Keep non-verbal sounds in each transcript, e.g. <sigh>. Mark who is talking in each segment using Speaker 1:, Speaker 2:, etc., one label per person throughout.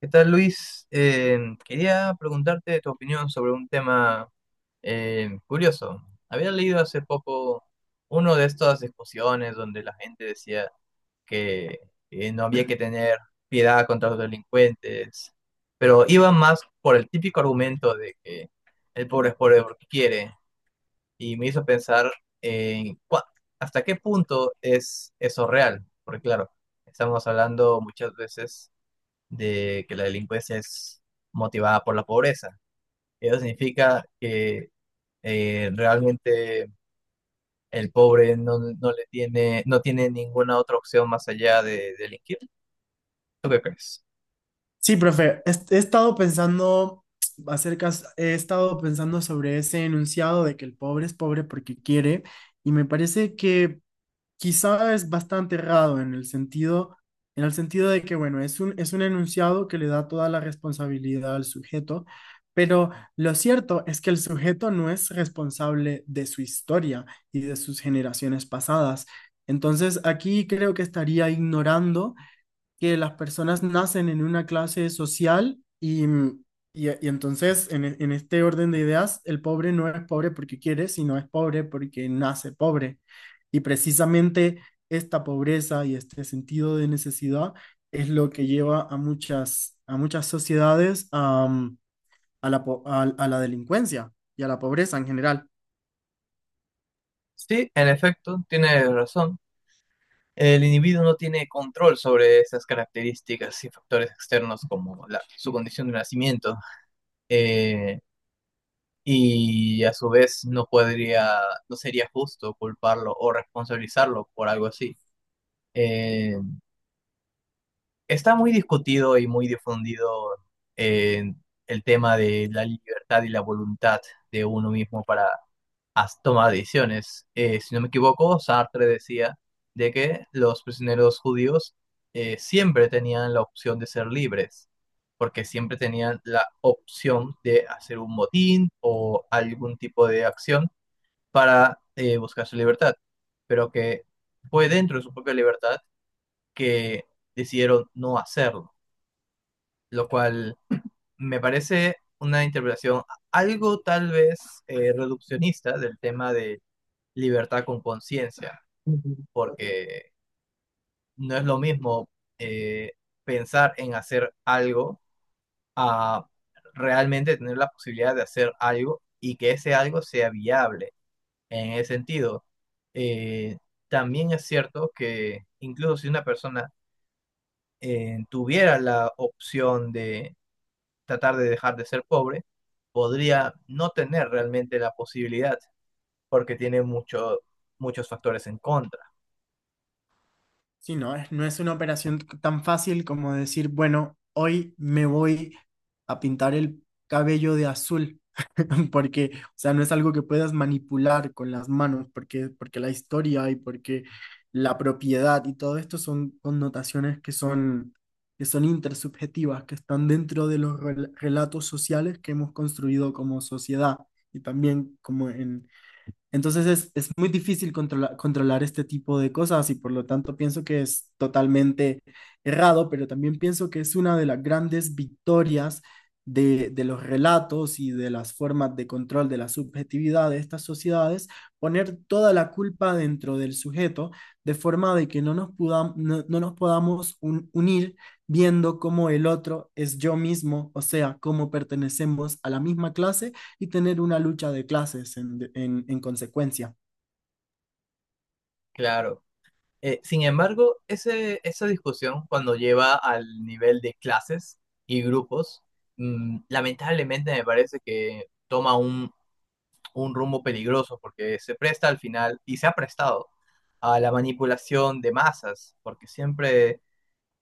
Speaker 1: ¿Qué tal, Luis? Quería preguntarte tu opinión sobre un tema curioso. Había leído hace poco uno de estas discusiones donde la gente decía que no había que tener piedad contra los delincuentes, pero iba más por el típico argumento de que el pobre es pobre porque quiere, y me hizo pensar en cua- hasta qué punto es eso real, porque claro, estamos hablando muchas veces de que la delincuencia es motivada por la pobreza. Eso significa que realmente el pobre no le no tiene ninguna otra opción más allá de delinquir. ¿Tú qué crees?
Speaker 2: Sí, profe, he estado pensando acerca, he estado pensando sobre ese enunciado de que el pobre es pobre porque quiere, y me parece que quizá es bastante errado en el sentido de que, bueno, es un enunciado que le da toda la responsabilidad al sujeto, pero lo cierto es que el sujeto no es responsable de su historia y de sus generaciones pasadas. Entonces, aquí creo que estaría ignorando que las personas nacen en una clase social y y entonces en este orden de ideas el pobre no es pobre porque quiere, sino es pobre porque nace pobre. Y precisamente esta pobreza y este sentido de necesidad es lo que lleva a a muchas sociedades a a la delincuencia y a la pobreza en general.
Speaker 1: Sí, en efecto, tiene razón. El individuo no tiene control sobre esas características y factores externos como su condición de nacimiento. eh, y a su vez no no sería justo culparlo o responsabilizarlo por algo así. Eh, Está muy discutido y muy difundido eh, el tema de la libertad y la voluntad de uno mismo para tomar decisiones. Si no me equivoco, Sartre decía de que los prisioneros judíos siempre tenían la opción de ser libres, porque siempre tenían la opción de hacer un motín o algún tipo de acción para buscar su libertad, pero que fue dentro de su propia libertad que decidieron no hacerlo, lo cual me parece una interpretación algo tal vez reduccionista del tema de libertad con conciencia, porque no es lo mismo eh, pensar en hacer algo a realmente tener la posibilidad de hacer algo y que ese algo sea viable. En ese sentido, eh, también es cierto que incluso si una persona tuviera la opción de tratar de dejar de ser pobre, podría no tener realmente la posibilidad, porque tiene muchos factores en contra,
Speaker 2: Sí, no es una operación tan fácil como decir, bueno, hoy me voy a pintar el cabello de azul, <laughs> porque, o sea, no es algo que puedas manipular con las manos, porque la historia y porque la propiedad y todo esto son connotaciones que son intersubjetivas, que están dentro de los relatos sociales que hemos construido como sociedad y también como entonces es muy difícil controlar este tipo de cosas y por lo tanto pienso que es totalmente errado, pero también pienso que es una de las grandes victorias de los relatos y de las formas de control de la subjetividad de estas sociedades, poner toda la culpa dentro del sujeto de forma de que no nos podamos unir viendo cómo el otro es yo mismo, o sea, cómo pertenecemos a la misma clase y tener una lucha de clases en, en consecuencia.
Speaker 1: claro. Sin embargo, esa discusión cuando lleva al nivel de clases y grupos, lamentablemente me parece que toma un rumbo peligroso porque se presta al final y se ha prestado a la manipulación de masas, porque siempre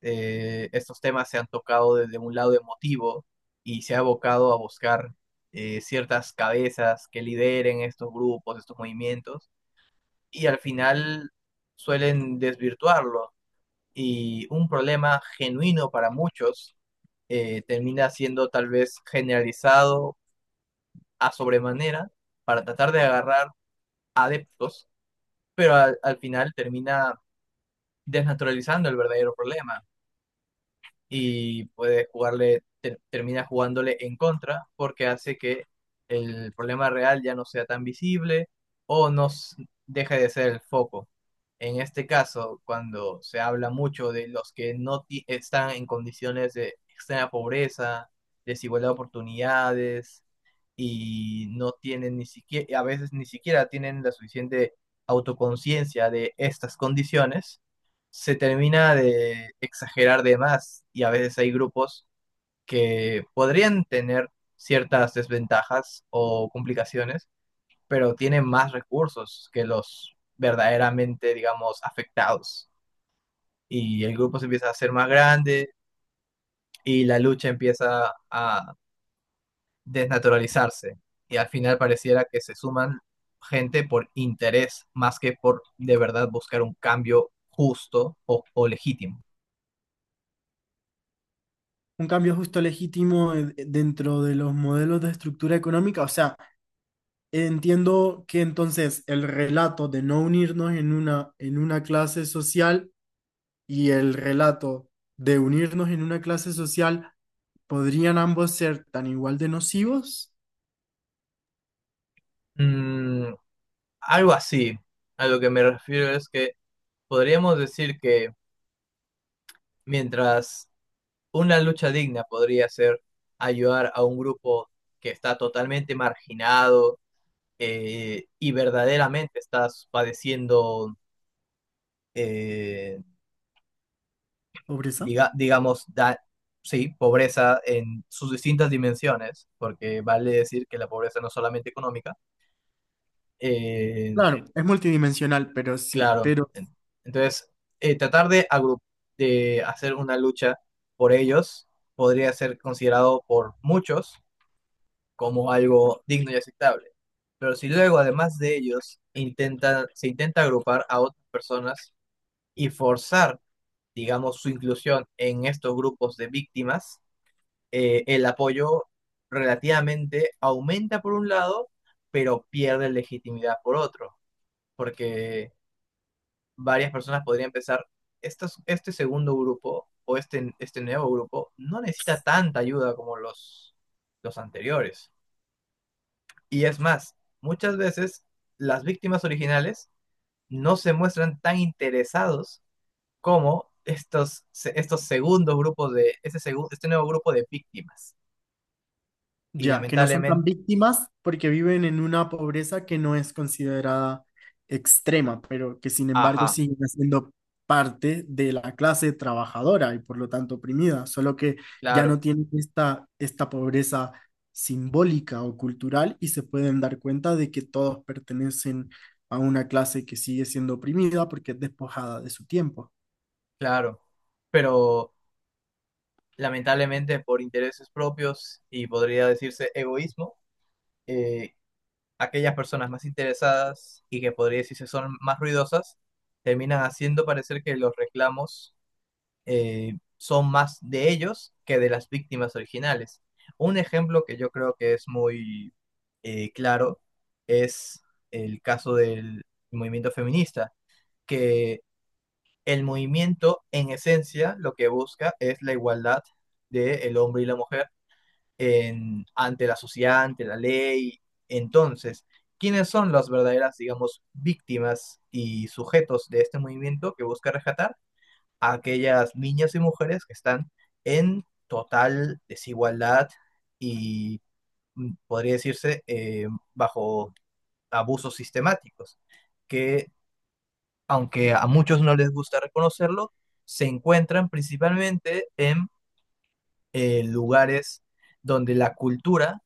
Speaker 1: estos temas se han tocado desde un lado emotivo y se ha abocado a buscar ciertas cabezas que lideren estos grupos, estos movimientos, y al final suelen desvirtuarlo. Y un problema genuino para muchos termina siendo tal vez generalizado a sobremanera para tratar de agarrar adeptos, pero al final termina desnaturalizando el verdadero problema y puede termina jugándole en contra porque hace que el problema real ya no sea tan visible o nos deje de ser el foco. En este caso, cuando se habla mucho de los que no ti- están en condiciones de extrema pobreza, desigualdad de oportunidades y no tienen ni siquiera, a veces ni siquiera tienen la suficiente autoconciencia de estas condiciones, se termina de exagerar de más y a veces hay grupos que podrían tener ciertas desventajas o complicaciones, pero tienen más recursos que los verdaderamente, digamos, afectados. Y el grupo se empieza a hacer más grande y la lucha empieza a desnaturalizarse. Y al final pareciera que se suman gente por interés más que por de verdad buscar un cambio justo o legítimo.
Speaker 2: Un cambio justo legítimo dentro de los modelos de estructura económica. O sea, entiendo que entonces el relato de no unirnos en una clase social y el relato de unirnos en una clase social podrían ambos ser tan igual de nocivos.
Speaker 1: Mm, Algo así. A lo que me refiero es que podríamos decir que mientras una lucha digna podría ser ayudar a un grupo que está totalmente marginado y verdaderamente está padeciendo, eh,
Speaker 2: Pobreza.
Speaker 1: digamos, sí, pobreza en sus distintas dimensiones, porque vale decir que la pobreza no es solamente económica, eh,
Speaker 2: Claro, es multidimensional, pero sí,
Speaker 1: claro.
Speaker 2: pero
Speaker 1: Entonces, tratar de, de hacer una lucha por ellos podría ser considerado por muchos como algo digno y aceptable. Pero si luego, además de ellos, se intenta agrupar a otras personas y forzar, digamos, su inclusión en estos grupos de víctimas, el apoyo relativamente aumenta por un lado, pero pierde legitimidad por otro, porque varias personas podrían pensar, este segundo grupo o este nuevo grupo no necesita tanta ayuda como los anteriores. Y es más, muchas veces las víctimas originales no se muestran tan interesados como estos segundos grupos de, este, segu, este nuevo grupo de víctimas. Y
Speaker 2: ya, que no son tan
Speaker 1: lamentablemente,
Speaker 2: víctimas porque viven en una pobreza que no es considerada extrema, pero que sin embargo
Speaker 1: ajá,
Speaker 2: siguen siendo parte de la clase trabajadora y por lo tanto oprimida, solo que ya
Speaker 1: claro,
Speaker 2: no tienen esta pobreza simbólica o cultural y se pueden dar cuenta de que todos pertenecen a una clase que sigue siendo oprimida porque es despojada de su tiempo.
Speaker 1: claro, pero lamentablemente por intereses propios y podría decirse egoísmo, eh, aquellas personas más interesadas y que podría decirse son más ruidosas, terminan haciendo parecer que los reclamos son más de ellos que de las víctimas originales. Un ejemplo que yo creo que es muy claro es el caso del movimiento feminista, que el movimiento en esencia lo que busca es la igualdad del hombre y la mujer ante la sociedad, ante la ley. Entonces, ¿quiénes son las verdaderas, digamos, víctimas y sujetos de este movimiento que busca rescatar? A aquellas niñas y mujeres que están en total desigualdad y podría decirse bajo abusos sistemáticos, que aunque a muchos no les gusta reconocerlo, se encuentran principalmente en lugares donde la cultura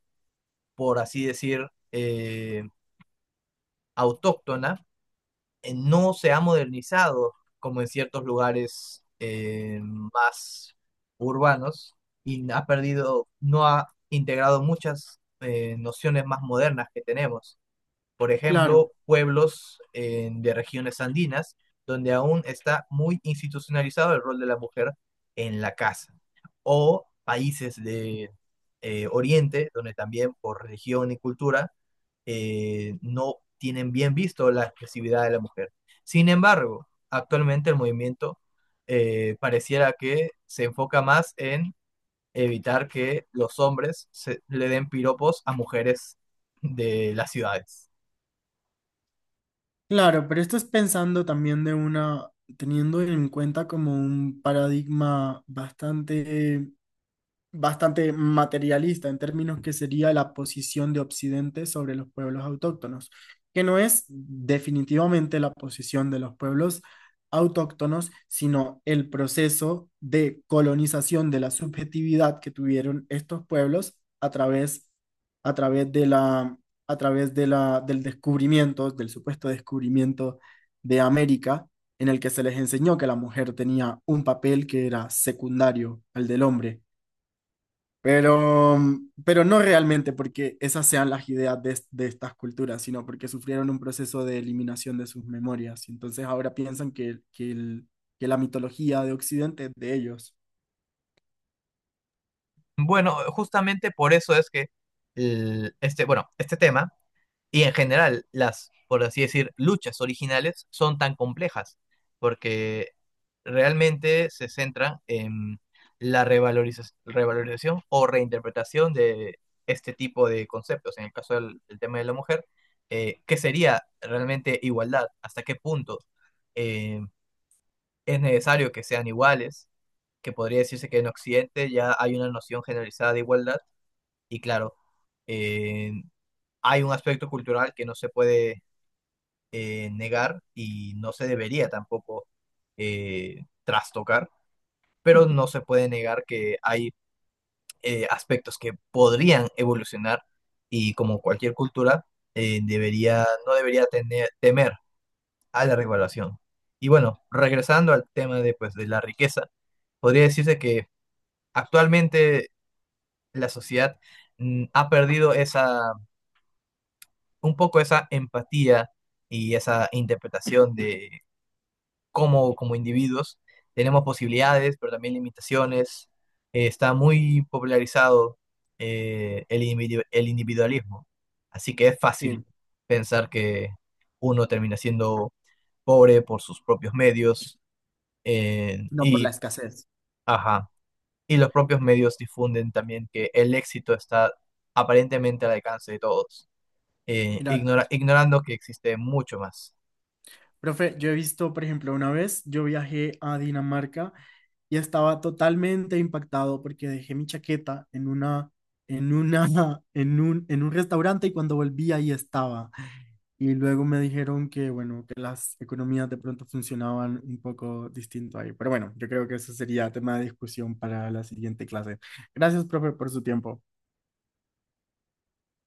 Speaker 1: por así decir, autóctona, no se ha modernizado como en ciertos lugares más urbanos y ha perdido, no ha integrado muchas nociones más modernas que tenemos. Por
Speaker 2: Claro.
Speaker 1: ejemplo, pueblos de regiones andinas donde aún está muy institucionalizado el rol de la mujer en la casa. O países de Oriente donde también por religión y cultura no tienen bien visto la expresividad de la mujer. Sin embargo, actualmente el movimiento pareciera que se enfoca más en evitar que los hombres le den piropos a mujeres de las ciudades.
Speaker 2: Claro, pero esto es pensando también de una, teniendo en cuenta como un paradigma bastante bastante materialista en términos que sería la posición de Occidente sobre los pueblos autóctonos, que no es definitivamente la posición de los pueblos autóctonos, sino el proceso de colonización de la subjetividad que tuvieron estos pueblos a través de a través de del descubrimiento, del supuesto descubrimiento de América, en el que se les enseñó que la mujer tenía un papel que era secundario al del hombre pero, pero no realmente porque esas sean las ideas de, de estas culturas, sino porque sufrieron un proceso de eliminación de sus memorias. Y entonces ahora piensan que la mitología de Occidente es de ellos.
Speaker 1: Bueno, justamente por eso es que este tema y en general, las, por así decir, luchas originales son tan complejas, porque realmente se centran en la revalorización o reinterpretación de este tipo de conceptos. En el caso del tema de la mujer, ¿qué sería realmente igualdad? ¿Hasta qué punto eh, es necesario que sean iguales? Que podría decirse que en Occidente ya hay una noción generalizada de igualdad y claro, eh, hay un aspecto cultural que no se puede negar y no se debería tampoco trastocar, pero no se puede negar que hay aspectos que podrían evolucionar y como cualquier cultura no debería temer a la regulación. Y bueno, regresando al tema de, pues, de la riqueza, podría decirse que actualmente la sociedad ha perdido un poco esa empatía y esa interpretación de como individuos. Tenemos posibilidades, pero también limitaciones. Está muy popularizado el individualismo. Así que es fácil
Speaker 2: Sí,
Speaker 1: pensar que uno termina siendo pobre por sus propios medios. eh,
Speaker 2: no por la
Speaker 1: y,
Speaker 2: escasez.
Speaker 1: ajá, y los propios medios difunden también que el éxito está aparentemente al alcance de todos,
Speaker 2: Mira,
Speaker 1: ignorando que existe mucho más.
Speaker 2: profe, yo he visto, por ejemplo, una vez yo viajé a Dinamarca y estaba totalmente impactado porque dejé mi chaqueta en una, <laughs> en un restaurante y cuando volví ahí estaba. Y luego me dijeron que, bueno, que las economías de pronto funcionaban un poco distinto ahí. Pero bueno, yo creo que eso sería tema de discusión para la siguiente clase. Gracias, profe, por su tiempo.